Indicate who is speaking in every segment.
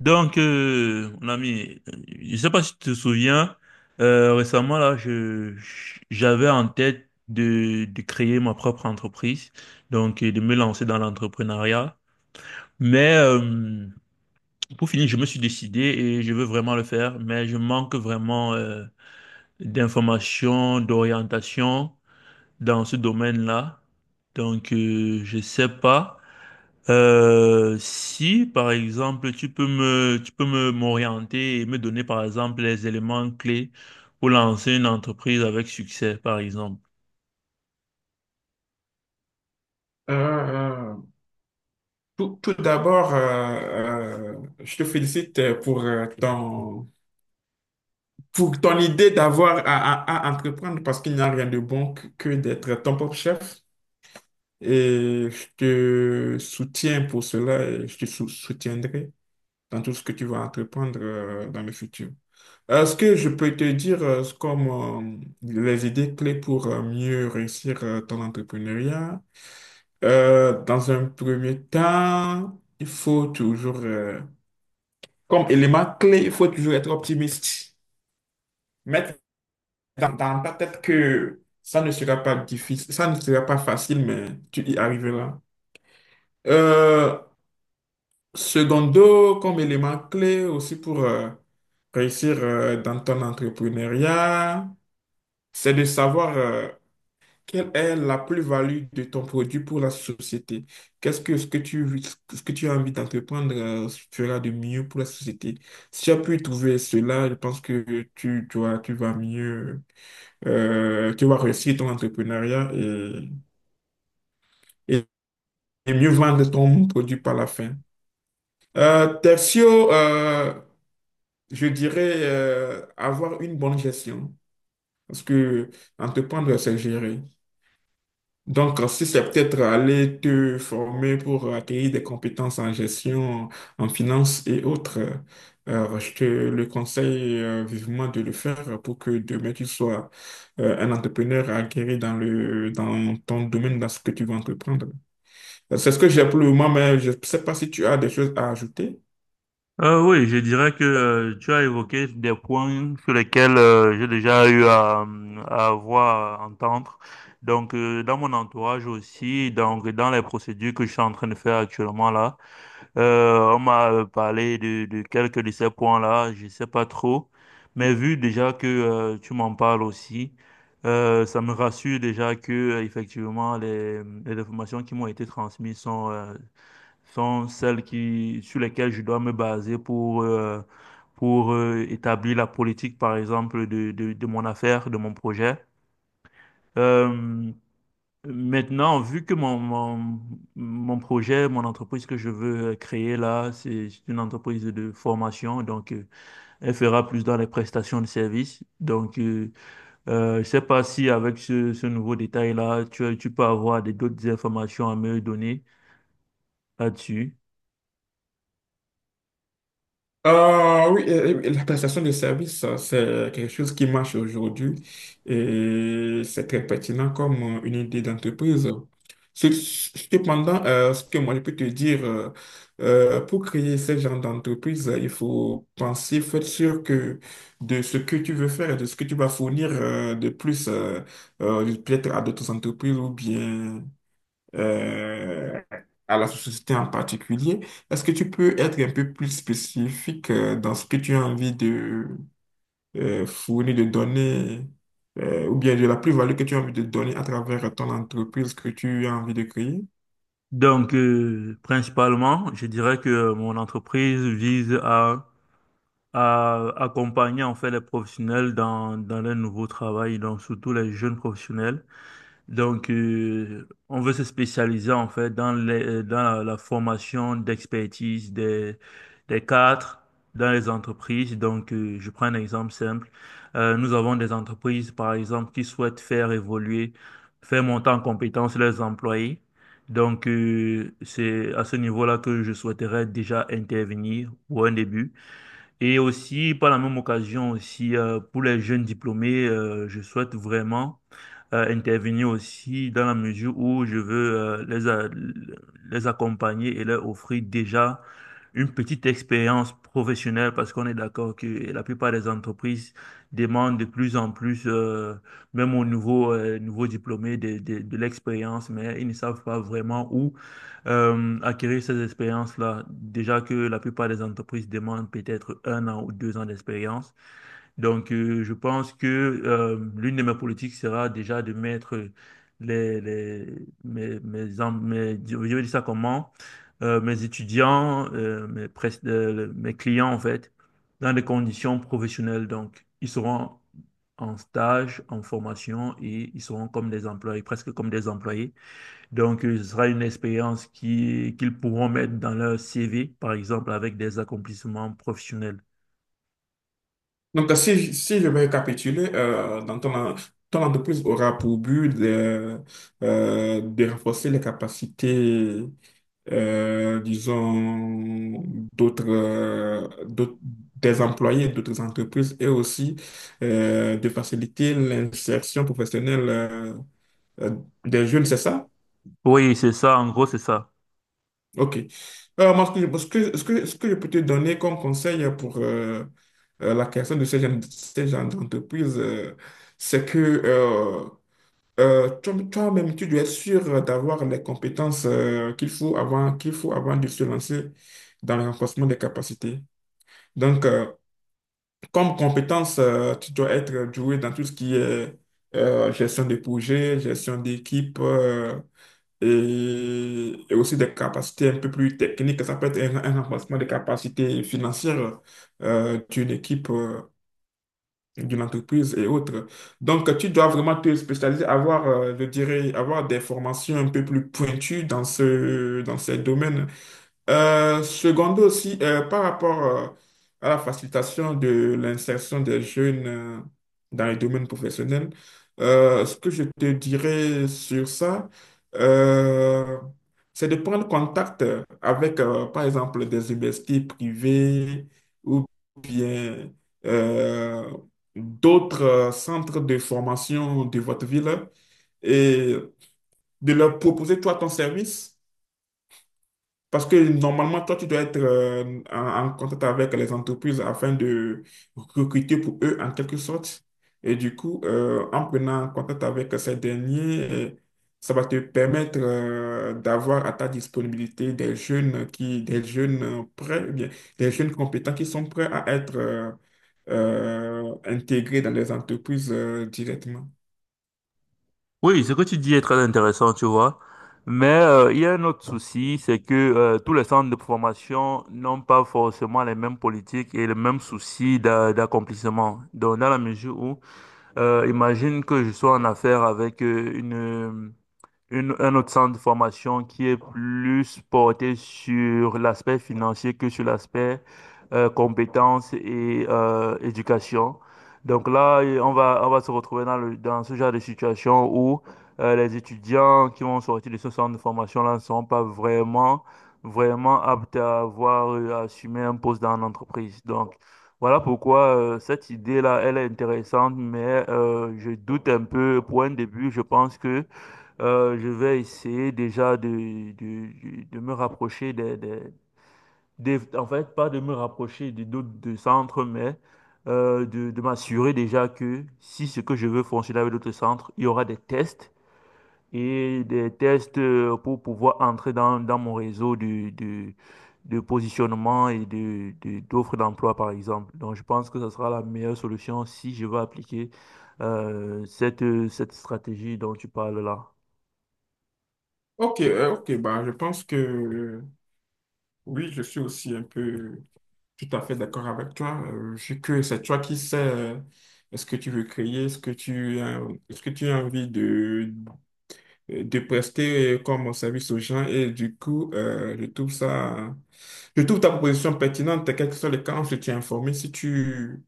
Speaker 1: Mon ami, je sais pas si tu te souviens, récemment, là, j'avais en tête de créer ma propre entreprise, de me lancer dans l'entrepreneuriat. Mais pour finir, je me suis décidé et je veux vraiment le faire, mais je manque vraiment d'informations, d'orientation dans ce domaine-là. Je sais pas. Si, par exemple, tu peux me, m'orienter et me donner, par exemple, les éléments clés pour lancer une entreprise avec succès, par exemple.
Speaker 2: Euh, euh, tout d'abord, je te félicite pour pour ton idée d'avoir à entreprendre parce qu'il n'y a rien de bon que d'être ton propre chef. Et je te soutiens pour cela et je te soutiendrai dans tout ce que tu vas entreprendre dans le futur. Est-ce que je peux te dire comme euh, les idées clés pour mieux réussir ton entrepreneuriat? Dans un premier temps, il faut toujours, comme élément clé, il faut toujours être optimiste. Mettre dans ta tête que ça ne sera pas difficile, ça ne sera pas facile, mais tu y arriveras. Euh, Secondo, comme élément clé aussi pour réussir dans ton entrepreneuriat, c'est de savoir quelle est la plus-value de ton produit pour la société? Qu'est-ce que ce que tu as envie d'entreprendre fera de mieux pour la société? Si tu as pu trouver cela, je pense que tu vas mieux, tu vas réussir ton entrepreneuriat et- et mieux vendre ton produit par la fin. Tertio, je dirais avoir une bonne gestion parce que entreprendre, c'est gérer. Donc, si c'est peut-être aller te former pour acquérir des compétences en gestion, en finance et autres, je te le conseille vivement de le faire pour que demain tu sois un entrepreneur acquérir dans dans ton domaine, dans ce que tu veux entreprendre. C'est ce que j'ai pour le moment, mais je ne sais pas si tu as des choses à ajouter.
Speaker 1: Oui, je dirais que tu as évoqué des points sur lesquels j'ai déjà eu à avoir, à entendre. Dans mon entourage aussi, donc dans les procédures que je suis en train de faire actuellement là. On m'a parlé de quelques de ces points-là, je sais pas trop, mais vu déjà que tu m'en parles aussi, ça me rassure déjà que effectivement les informations qui m'ont été transmises sont sont celles qui sur lesquelles je dois me baser pour établir la politique par exemple de mon affaire, de mon projet. Euh, Maintenant, vu que mon projet, mon entreprise que je veux créer là, c'est une entreprise de formation, elle fera plus dans les prestations de services. Je ne sais pas si avec ce nouveau détail-là, tu peux avoir d'autres informations à me donner là-dessus.
Speaker 2: Ah oui, la prestation de service, c'est quelque chose qui marche aujourd'hui et c'est très pertinent comme une idée d'entreprise. Cependant, ce que moi je peux te dire, pour créer ce genre d'entreprise, il faut penser, faire sûr que de ce que tu veux faire, et de ce que tu vas fournir de plus, peut-être à d'autres entreprises ou bien euh, à la société en particulier. Est-ce que tu peux être un peu plus spécifique dans ce que tu as envie de fournir, de donner, ou bien de la plus-value que tu as envie de donner à travers ton entreprise que tu as envie de créer?
Speaker 1: Principalement, je dirais que mon entreprise vise à accompagner en fait les professionnels dans leur nouveau travail, donc surtout les jeunes professionnels. On veut se spécialiser en fait dans dans la formation d'expertise des cadres dans les entreprises. Je prends un exemple simple. Nous avons des entreprises, par exemple, qui souhaitent faire évoluer, faire monter en compétence leurs employés. C'est à ce niveau-là que je souhaiterais déjà intervenir pour un début. Et aussi, par la même occasion aussi, pour les jeunes diplômés, je souhaite vraiment intervenir aussi dans la mesure où je veux les accompagner et leur offrir déjà une petite expérience professionnelle parce qu'on est d'accord que la plupart des entreprises demandent de plus en plus, même aux nouveaux diplômés, de l'expérience, mais ils ne savent pas vraiment où acquérir ces expériences-là. Déjà que la plupart des entreprises demandent peut-être 1 an ou 2 ans d'expérience. Je pense que l'une de mes politiques sera déjà de mettre les, mes, mes, en- mes- je vais dire ça comment, mes étudiants, mes clients, en fait, dans des conditions professionnelles. Donc, ils seront en stage, en formation et ils seront comme des employés, presque comme des employés. Ce sera une expérience qu'ils pourront mettre dans leur CV, par exemple, avec des accomplissements professionnels.
Speaker 2: Donc, si je vais récapituler, ton entreprise aura pour but de renforcer les capacités disons, d'autres, euh, d'aut- des employés d'autres entreprises et aussi de faciliter l'insertion professionnelle euh, des jeunes, c'est ça?
Speaker 1: Oui, c'est ça, en gros, c'est ça.
Speaker 2: OK. Alors, moi, ce que je peux te donner comme conseil pour la création de ces genre d'entreprise, c'est que toi-même, tu dois être sûr d'avoir les compétences qu'il faut avant de se lancer dans le renforcement des capacités. Donc, comme compétence, tu dois être doué dans tout ce qui est gestion de projet, gestion d'équipe et aussi des capacités un peu plus techniques. Ça peut être un renforcement des capacités financières d'une équipe, d'une entreprise et autres. Donc, tu dois vraiment te spécialiser, avoir, je dirais, avoir des formations un peu plus pointues dans dans ces domaines. Secondo aussi, par rapport à la facilitation de l'insertion des jeunes dans les domaines professionnels, ce que je te dirais sur ça, euh, c'est de prendre contact avec, par exemple, des universités privées ou bien euh, d'autres centres de formation de votre ville et de leur proposer, toi, ton service parce que normalement, toi, tu dois être en contact avec les entreprises afin de recruter pour eux en quelque sorte. Et du coup, en prenant contact avec ces derniers, ça va te permettre d'avoir à ta disponibilité des jeunes prêts, ou bien, des jeunes compétents qui sont prêts à être intégrés dans les entreprises directement.
Speaker 1: Oui, ce que tu dis est très intéressant, tu vois. Mais il y a un autre souci, c'est que tous les centres de formation n'ont pas forcément les mêmes politiques et les mêmes soucis d'accomplissement. Donc, dans la mesure où, imagine que je sois en affaire avec un autre centre de formation qui est plus porté sur l'aspect financier que sur l'aspect compétences et éducation. Donc là, et on va se retrouver dans dans ce genre de situation où les étudiants qui vont sortir de ce centre de formation-là ne seront pas vraiment aptes à avoir, à assumer un poste dans l'entreprise. Donc, voilà pourquoi cette idée-là, elle est intéressante, mais je doute un peu. Pour un début, je pense que je vais essayer déjà de me rapprocher en fait, pas de me rapprocher des d'autres de centres, mais de m'assurer déjà que si ce que je veux fonctionner avec d'autres centres, il y aura des tests et des tests pour pouvoir entrer dans mon réseau de positionnement et d'offres d'emploi, par exemple. Donc, je pense que ce sera la meilleure solution si je veux appliquer euh, cette, cette stratégie dont tu parles là.
Speaker 2: Ok, ok, bah, je pense que oui, je suis aussi un peu tout à fait d'accord avec toi. Vu que c'est toi qui sais ce que tu veux créer, ce que tu as envie de prester comme service aux gens. Et du coup, je trouve ta proposition pertinente, quel que soit le cas, on se tient informé.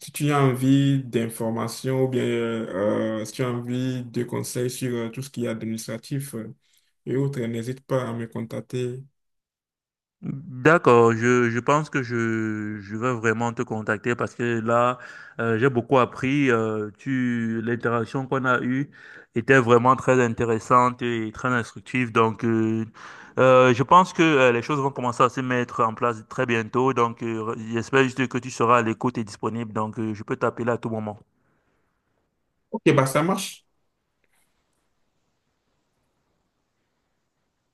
Speaker 2: Si tu as envie d'informations ou bien si tu as envie de conseils sur tout ce qui est administratif, et autres, n'hésite pas à me contacter.
Speaker 1: D'accord, je pense que je vais vraiment te contacter parce que là, j'ai beaucoup appris. L'interaction qu'on a eue était vraiment très intéressante et très instructive. Je pense que les choses vont commencer à se mettre en place très bientôt. J'espère juste que tu seras à l'écoute et disponible. Je peux t'appeler à tout moment.
Speaker 2: Ok, bah ça marche.